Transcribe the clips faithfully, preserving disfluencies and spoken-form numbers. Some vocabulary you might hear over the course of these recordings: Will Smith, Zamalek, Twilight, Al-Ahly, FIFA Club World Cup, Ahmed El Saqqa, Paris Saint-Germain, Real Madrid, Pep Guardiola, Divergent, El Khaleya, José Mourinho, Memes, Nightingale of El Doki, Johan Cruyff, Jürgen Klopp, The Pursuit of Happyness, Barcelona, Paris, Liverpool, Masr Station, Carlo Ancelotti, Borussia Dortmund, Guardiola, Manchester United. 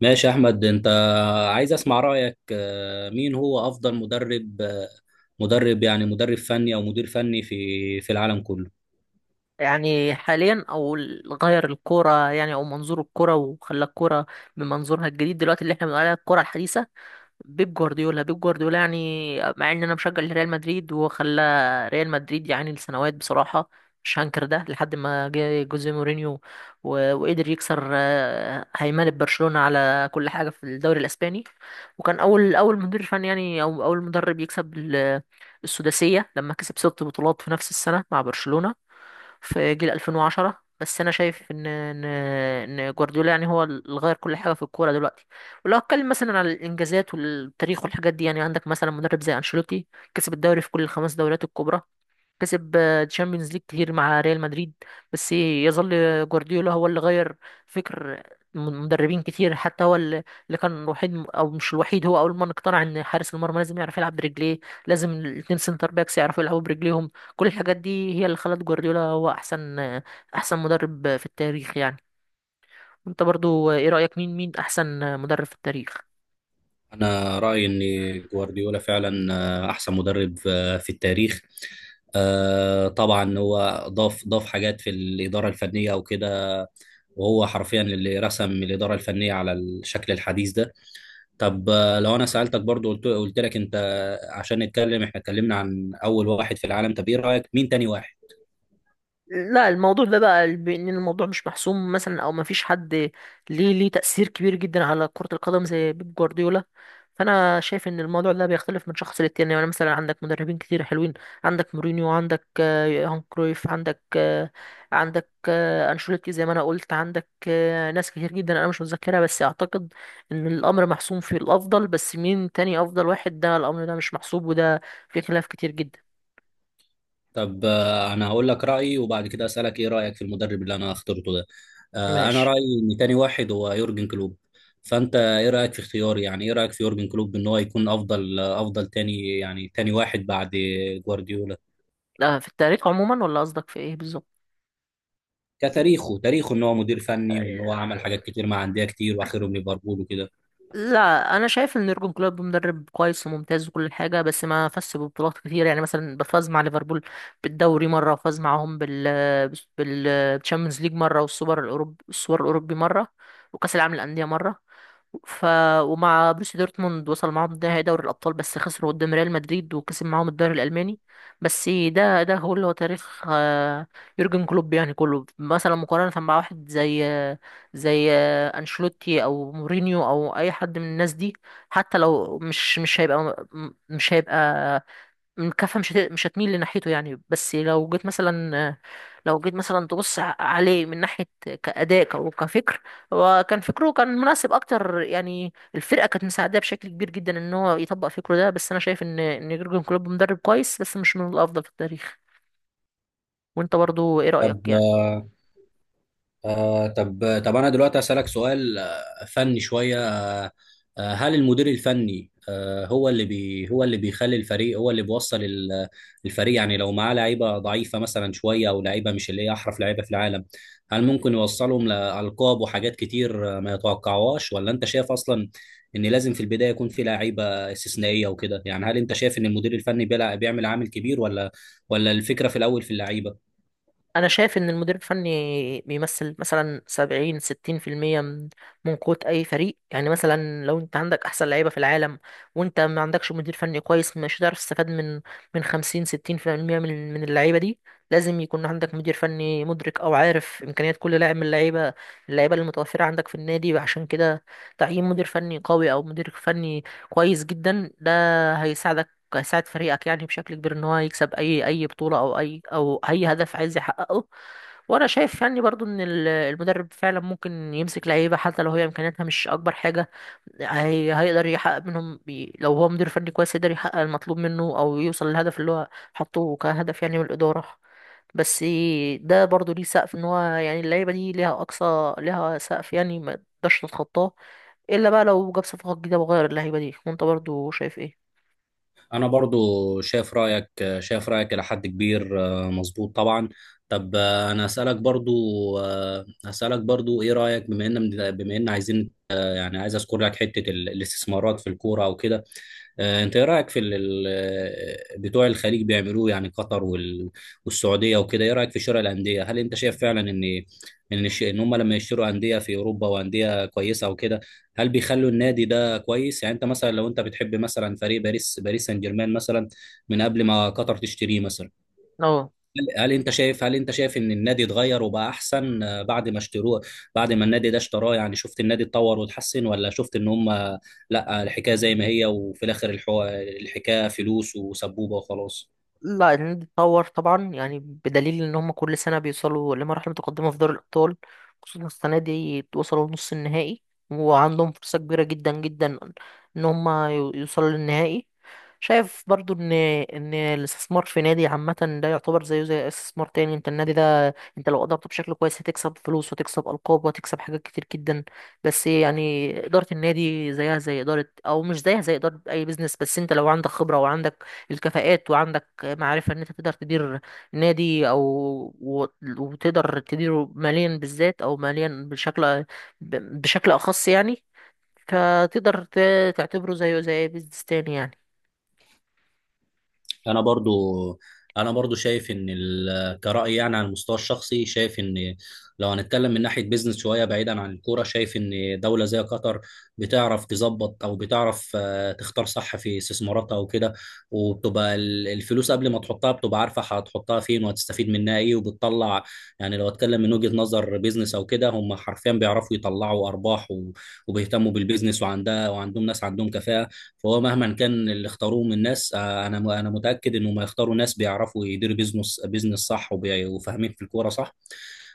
ماشي يا احمد. انت عايز اسمع رايك، آه، مين هو افضل مدرب، آه، مدرب يعني مدرب فني او مدير فني في في العالم كله؟ يعني حاليا او ال- غير الكوره، يعني او منظور الكوره، وخلى الكوره بمنظورها الجديد دلوقتي اللي احنا بنقول عليها الكوره الحديثه. بيب جوارديولا بيب جوارديولا يعني، مع ان انا مشجع لريال مدريد وخلى ريال مدريد يعني لسنوات بصراحه، مش هنكر ده لحد ما جه جوزيه مورينيو و- وقدر يكسر آه، هيمنه برشلونه على كل حاجه في الدوري الاسباني، وكان اول اول مدير فني، يعني او اول مدرب يكسب ال- السداسيه لما كسب ست بطولات في نفس السنه مع برشلونه في جيل ألفين وعشرة. بس انا شايف ان ان ان جوارديولا يعني هو اللي غير كل حاجه في الكوره دلوقتي. ولو اتكلم مثلا على الانجازات والتاريخ والحاجات دي، يعني عندك مثلا مدرب زي انشيلوتي، كسب الدوري في كل الخمس دوريات الكبرى، كسب تشامبيونز ليج كتير مع ريال مدريد. بس يظل جوارديولا هو اللي غير فكر مدربين كتير، حتى هو اللي اللي كان الوحيد او مش الوحيد، هو اول من اقتنع ان حارس المرمى لازم يعرف يلعب برجليه، لازم الاتنين سنتر باكس يعرفوا يلعبوا برجليهم. كل الحاجات دي هي اللي خلت جوارديولا هو احسن احسن مدرب في التاريخ يعني. انت برضو ايه رأيك، مين مين احسن مدرب في التاريخ؟ انا رايي ان جوارديولا فعلا آه، احسن مدرب آه، في التاريخ. آه، طبعا هو ضاف ضاف حاجات في الاداره الفنيه وكده، وهو حرفيا اللي رسم الاداره الفنيه على الشكل الحديث ده. طب، آه، لو انا سالتك برضو، قلت قلت لك، انت عشان نتكلم احنا اتكلمنا عن اول واحد في العالم، طب ايه رايك مين تاني واحد؟ لا، الموضوع ده بقى بان الموضوع مش محسوم مثلا، او ما فيش حد ليه ليه تأثير كبير جدا على كرة القدم زي بيب جوارديولا. فانا شايف ان الموضوع ده بيختلف من شخص للتاني، يعني مثلا عندك مدربين كتير حلوين، عندك مورينيو، عندك آه، يوهان كرويف، عندك آه، عندك آه، انشيلوتي، زي ما انا قلت، عندك آه، ناس كتير جدا انا مش متذكرها، بس اعتقد ان الامر محسوم في الافضل، بس مين تاني افضل واحد، ده الامر ده مش محسوب، وده في خلاف كتير جدا. طب، آه، انا هقول لك رايي وبعد كده اسالك ايه رايك في المدرب اللي انا اخترته ده. آه، انا ماشي. رايي ان تاني واحد هو يورجن كلوب. فانت ايه رايك في اختياري؟ يعني ايه رايك في يورجن كلوب ان هو يكون افضل، آه، افضل تاني، يعني تاني واحد بعد جوارديولا؟ لا، في التاريخ عموما، ولا قصدك في ايه بالظبط؟ كتاريخه، تاريخه ان هو مدير فني وان هو عمل حاجات كتير مع انديه كتير واخرهم ليفربول وكده. لا انا شايف ان يورجن كلوب مدرب كويس وممتاز وكل حاجه، بس ما فازش ببطولات كتير، يعني مثلا فاز مع ليفربول بالدوري مره، وفاز معاهم بال بال بالتشامبيونز ليج مره، والسوبر الاوروبي السوبر الاوروبي مره، وكاس العالم للانديه مره. ف ومع بروسيا دورتموند وصل معاهم نهائي دوري الابطال بس خسروا قدام ريال مدريد، وكسب معاهم الدوري الالماني. بس ده ده هو اللي هو تاريخ آه، يورجن كلوب، يعني كله مثلا مقارنه مع واحد زي آه، زي آه، انشيلوتي او مورينيو او اي حد من الناس دي، حتى لو مش مش هيبقى، مش هيبقى م- كفه مش هت- مش هتميل لناحيته يعني. بس لو جيت مثلا، لو جيت مثلا تبص ع- عليه من ناحيه كاداء ك- وكفكر، هو كان فكره كان مناسب اكتر، يعني الفرقه كانت مساعداه بشكل كبير جدا ان هو يطبق فكره ده. بس انا شايف ان ان يورجن كلوب مدرب كويس بس مش من الافضل في التاريخ. وانت برضو ايه طب، رايك يعني؟ آه، آه طب طب انا دلوقتي اسالك سؤال آه، فني شويه آه آه، هل المدير الفني آه هو اللي بي هو اللي بيخلي الفريق، هو اللي بيوصل ال- الفريق؟ يعني لو معاه لعيبه ضعيفه مثلا شويه، او لعيبه مش اللي هي احرف لعيبه في العالم، هل ممكن يوصلهم لالقاب وحاجات كتير آه، ما يتوقعوهاش؟ ولا انت شايف اصلا ان لازم في البدايه يكون في لعيبه استثنائيه وكده؟ يعني هل انت شايف ان المدير الفني بيلع- بيعمل عامل كبير، ولا ولا الفكره في الاول في اللعيبه؟ انا شايف ان المدير الفني بيمثل مثلا سبعين ستين في المية من من قوة اي فريق، يعني مثلا لو انت عندك احسن لعيبة في العالم، وانت ما عندكش مدير فني كويس، مش هتعرف تستفاد من من خمسين ستين في المية من من اللعيبة دي. لازم يكون عندك مدير فني مدرك او عارف امكانيات كل لاعب من اللعيبة اللعيبة اللي متوفرة عندك في النادي، عشان كده تعيين مدير فني قوي او مدير فني كويس جدا ده هيساعدك، ساعد فريقك يعني بشكل كبير ان هو يكسب اي اي بطولة او اي او اي هدف عايز يحققه. وانا شايف يعني برضو ان ال- المدرب فعلا ممكن يمسك لعيبة حتى لو هي امكانياتها مش اكبر حاجة، هي هيقدر يحقق منهم بي لو هو مدير فني كويس يقدر يحقق المطلوب منه او يوصل للهدف اللي هو حطه كهدف يعني من الإدارة. بس ده برضو ليه سقف، ان هو يعني اللعيبة دي ليها اقصى، ليها سقف يعني ما تقدرش تتخطاه الا بقى لو جاب صفقات جديدة وغير اللعيبة دي. وانت برضو شايف ايه؟ انا برضو شايف رايك، شايف رايك الى حد كبير. آه، مظبوط طبعا. طب، آه، انا اسالك برضو، آه، هسالك برضو ايه رايك، بما ان بما ان عايزين، يعني عايز اذكر لك حته ال- الاستثمارات في الكوره وكده. آه، انت ايه رايك في ال- ال- بتوع الخليج بيعملوه؟ يعني قطر وال- والسعوديه وكده، ايه رايك في شراء الانديه؟ هل انت شايف فعلا ان ان الش- ان هم لما يشتروا انديه في اوروبا وانديه كويسه وكده، هل بيخلوا النادي ده كويس؟ يعني انت مثلا لو انت بتحب مثلا فريق باريس باريس سان جيرمان مثلا من قبل ما قطر تشتريه مثلا، اه. هل هل انت شايف هل انت شايف ان النادي اتغير وبقى احسن آه، بعد ما اشتروه، بعد ما النادي ده اشتراه؟ يعني شفت النادي اتطور واتحسن، ولا شفت ان هم لا، الحكايه زي ما هي، وفي الاخر الحو... الحكايه فلوس وسبوبه وخلاص؟ لا، الهند اتطور طبعا، يعني بدليل ان هم كل سنه بيوصلوا لمرحله متقدمه في دوري الابطال، خصوصا السنه دي وصلوا لنص النهائي، وعندهم فرصه كبيره جدا جدا ان هم يو- يوصلوا للنهائي. شايف برضو ان ان الاستثمار في نادي عامه ده يعتبر زيه زي استثمار تاني. انت النادي ده، انت لو ادرته بشكل كويس هتكسب فلوس وتكسب القاب وتكسب حاجات كتير جدا، بس يعني اداره النادي زيها زي اداره، او مش زيها زي اداره اي بيزنس، بس انت لو عندك خبره وعندك الكفاءات، وعندك معرفة ان انت تقدر تدير نادي او و- وتقدر تديره ماليا بالذات، او ماليا بشكل ب- بشكل اخص يعني، فتقدر ت- تعتبره زيه زي بيزنس تاني يعني. انا برضو انا برضو شايف ان ال- كرأي يعني على المستوى الشخصي شايف ان لو هنتكلم من ناحية بيزنس شوية بعيدا عن الكورة، شايف ان دولة زي قطر بتعرف تظبط، او بتعرف آه، تختار صح في استثماراتها وكده، وبتبقى ال- الفلوس قبل ما تحطها بتبقى عارفة هتحطها فين وهتستفيد منها ايه وبتطلع. يعني لو اتكلم من وجهة نظر بيزنس او كده، هم حرفيا بيعرفوا يطلعوا ارباح و- وبيهتموا بالبيزنس، وعندها وعندهم ناس عندهم كفاءة. فهو مهما كان اللي اختاروه من ناس، آه، انا انا متاكد انهم هيختاروا ناس بيعرفوا يديروا بيزنس بيزنس صح وبي- وفاهمين في الكوره صح،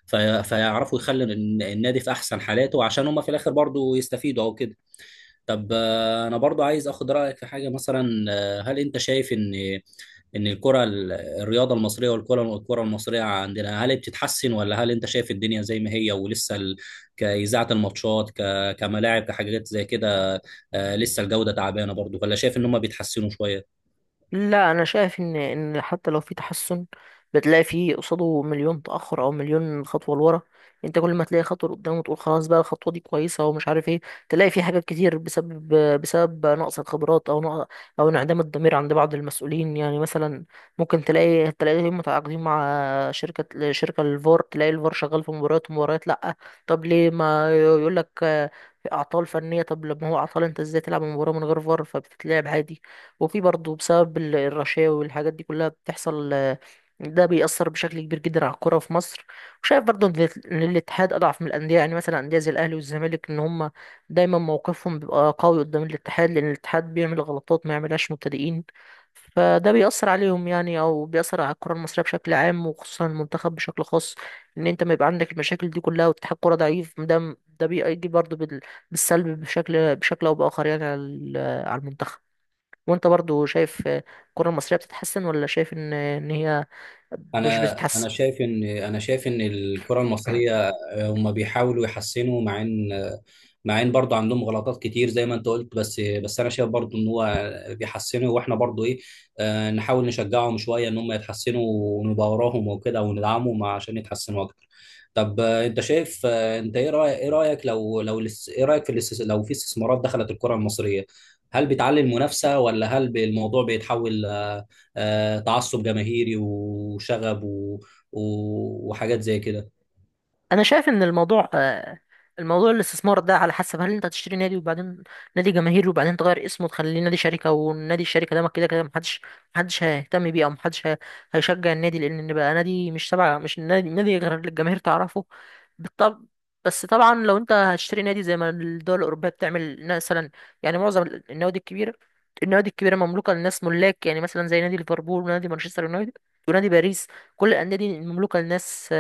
في- فيعرفوا يخلوا الن- النادي في احسن حالاته عشان هم في الاخر برضو يستفيدوا او كده. طب، آه، انا برضو عايز اخد رايك في حاجه مثلا. آه، هل انت شايف ان ان الكره ال- الرياضه المصريه، والكره، الكره المصريه عندنا، هل بتتحسن؟ ولا هل انت شايف الدنيا زي ما هي ولسه ال... كاذاعه الماتشات، ك... كملاعب، كحاجات زي كده، آه، لسه الجوده تعبانه برضو؟ ولا شايف ان هم بيتحسنوا شويه؟ لا انا شايف ان ان حتى لو في تحسن، بتلاقي فيه قصاده مليون تاخر او مليون خطوه لورا. انت كل ما تلاقي خطوه لقدام وتقول خلاص بقى الخطوه دي كويسه ومش عارف ايه، تلاقي في حاجات كتير بسبب، بسبب نقص الخبرات او نقص، او انعدام الضمير عند بعض المسؤولين، يعني مثلا ممكن تلاقي تلاقيهم متعاقدين مع شركه شركه الفار، تلاقي الفار شغال في مباريات ومباريات لا. طب ليه ما يقول لك في اعطال فنيه؟ طب لما هو اعطال، انت ازاي تلعب مباراه من غير فار؟ فبتتلعب عادي. وفي برضه بسبب ال- الرشاوي والحاجات دي كلها بتحصل، آه، ده بيأثر بشكل كبير جدا على الكرة في مصر. وشايف برضه إن إن الاتحاد أضعف من الأندية، يعني مثلا أندية زي الأهلي والزمالك، إن هما دايما موقفهم بيبقى قوي قدام الاتحاد، لأن الاتحاد بيعمل غلطات ما يعملهاش مبتدئين. فده بيأثر عليهم يعني، أو بيأثر على الكرة المصرية بشكل عام وخصوصا المنتخب بشكل خاص، إن أنت ما يبقى عندك المشاكل دي كلها واتحاد كرة ضعيف، ده ده بيجي برضه بال- بالسلب بشكل بشكل أو بآخر، يعني على ال- على المنتخب. وانت برضو شايف الكرة المصرية بتتحسن، ولا شايف ان ان هي مش انا بتتحسن؟ انا شايف ان انا شايف ان الكره المصريه هم بيحاولوا يحسنوا، مع ان مع ان برضه عندهم غلطات كتير زي ما انت قلت، بس بس انا شايف برضه ان هو بيحسنوا، واحنا برضه ايه، آه، نحاول نشجعهم شويه ان هم يتحسنوا، ونبقى وراهم وكده وندعمهم عشان يتحسنوا اكتر. طب، آه، انت شايف، آه، انت ايه رايك، ايه رايك لو لو الاس- ايه رايك في الاس- لو في استثمارات دخلت الكره المصريه، هل بتعلي المنافسه؟ ولا هل الموضوع بيتحول آه، آه، تعصب جماهيري وشغب و- و- وحاجات زي كده؟ انا شايف ان الموضوع، آه، الموضوع الاستثمار ده على حسب، هل انت هتشتري نادي وبعدين نادي جماهيري وبعدين تغير اسمه وتخليه نادي شركه، والنادي الشركه ده ما كده كده محدش محدش هيهتم بيه، او محدش هي- هيشجع النادي لان بقى نادي مش تبع، مش نادي نادي غير اللي الجماهير تعرفه. بالطب. بس طبعا لو انت هتشتري نادي زي ما الدول الاوروبيه بتعمل مثلا، يعني معظم النوادي الكبيره، النوادي الكبيره مملوكه للناس ملاك، يعني مثلا زي نادي ليفربول ونادي مانشستر يونايتد ونادي باريس، كل الانديه دي مملوكه للناس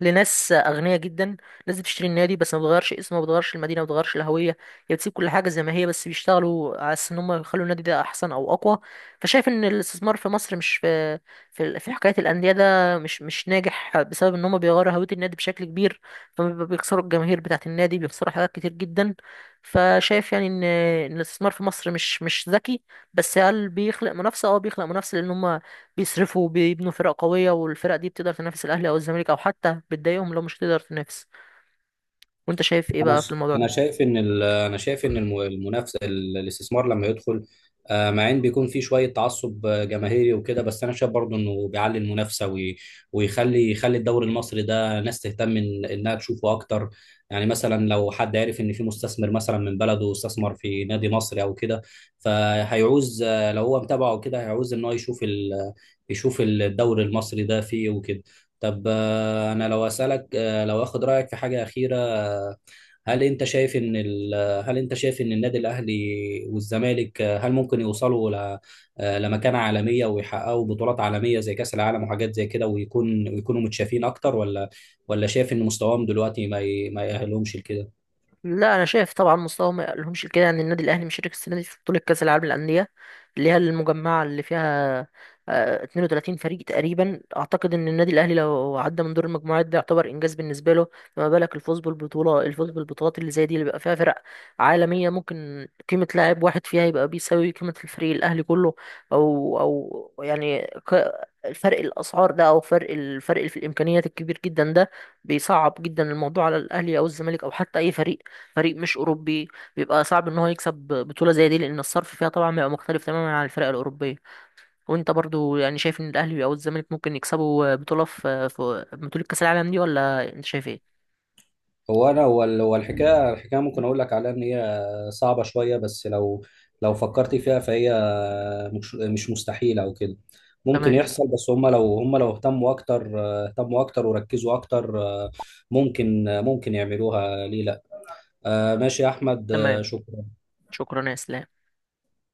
لناس اغنياء جدا، ناس بتشتري النادي بس ما بتغيرش اسمه، ما بتغيرش المدينه، ما بتغيرش الهويه، هي بتسيب كل حاجه زي ما هي، بس بيشتغلوا على اساس ان هم يخلوا النادي ده احسن او اقوى. فشايف ان الاستثمار في مصر مش في، في في حكايه الانديه ده مش مش ناجح بسبب ان هم بيغيروا هويه النادي بشكل كبير، فبيخسروا الجماهير بتاعه النادي، بيخسروا حاجات كتير جدا. فشايف يعني ان، إن الاستثمار في مصر مش مش ذكي. بس هل بيخلق منافسه؟ اه، بيخلق منافسه لان هم بيصرفوا وبيبنوا فرق قوية، والفرق دي بتقدر تنافس الأهلي أو الزمالك، أو حتى بتضايقهم لو مش تقدر تنافس. وأنت شايف إيه انا بقى في ش- الموضوع انا ده؟ شايف ان ال- انا شايف ان الم- المنافسه، ال- الاستثمار لما يدخل، آه، مع ان بيكون في شويه تعصب آه، جماهيري وكده، بس انا شايف برضو انه بيعلي المنافسه وي- ويخلي، يخلي الدوري المصري ده ناس تهتم إن- انها تشوفه اكتر. يعني مثلا لو حد عارف ان في مستثمر مثلا من بلده استثمر في نادي مصري او كده، فهيعوز، آه، لو هو متابعه كده هيعوز ان هو يشوف ال- يشوف الدوري المصري ده فيه وكده. طب، آه، انا لو اسالك، آه، لو اخد رايك في حاجه اخيره. هل انت شايف ان ال... هل انت شايف ان النادي الاهلي والزمالك، آه، هل ممكن يوصلوا ل... آه، لمكانة عالمية، ويحققوا بطولات عالمية زي كأس العالم وحاجات زي كده، ويكون ويكونوا متشافين اكتر؟ ولا ولا شايف ان مستواهم دلوقتي ما ي... ما يأهلهمش لكده؟ لا انا شايف طبعا مستوى ما يقلهمش كده، يعني النادي الاهلي مشارك السنه دي في بطوله كاس العالم للانديه، اللي هي المجمعه اللي فيها آه، اثنين وثلاثين فريق تقريبا. اعتقد ان النادي الاهلي لو عدى من دور المجموعات ده يعتبر انجاز بالنسبه له، فما بالك الفوز بالبطوله، الفوز بالبطولات اللي زي دي اللي بيبقى فيها فرق عالميه، ممكن قيمه لاعب واحد فيها يبقى بيساوي قيمه الفريق الاهلي كله. او او يعني ك- الفرق الاسعار ده، او فرق الفرق في الامكانيات الكبير جدا ده، بيصعب جدا الموضوع على الاهلي او الزمالك او حتى اي فريق فريق مش اوروبي، بيبقى صعب ان هو يكسب بطوله زي دي، لان الصرف فيها طبعا بيبقى مختلف تماما عن الفرق الاوروبيه. وانت برضو يعني شايف ان الاهلي او الزمالك ممكن يكسبوا بطوله في في بطوله كاس العالم دي ولا انت شايف ايه؟ هو انا هو ال- هو الحكايه، الحكايه ممكن اقول لك عليها ان هي صعبه شويه، بس لو لو فكرت فيها فهي مش مش مستحيله او كده، ممكن تمام. يحصل، بس هم لو، هم لو اهتموا اكتر، اهتموا اكتر وركزوا اكتر، ممكن، ممكن يعملوها، ليه لا؟ آه، ماشي يا احمد، آه، تمام. شكرا. شكرا يا اسلام.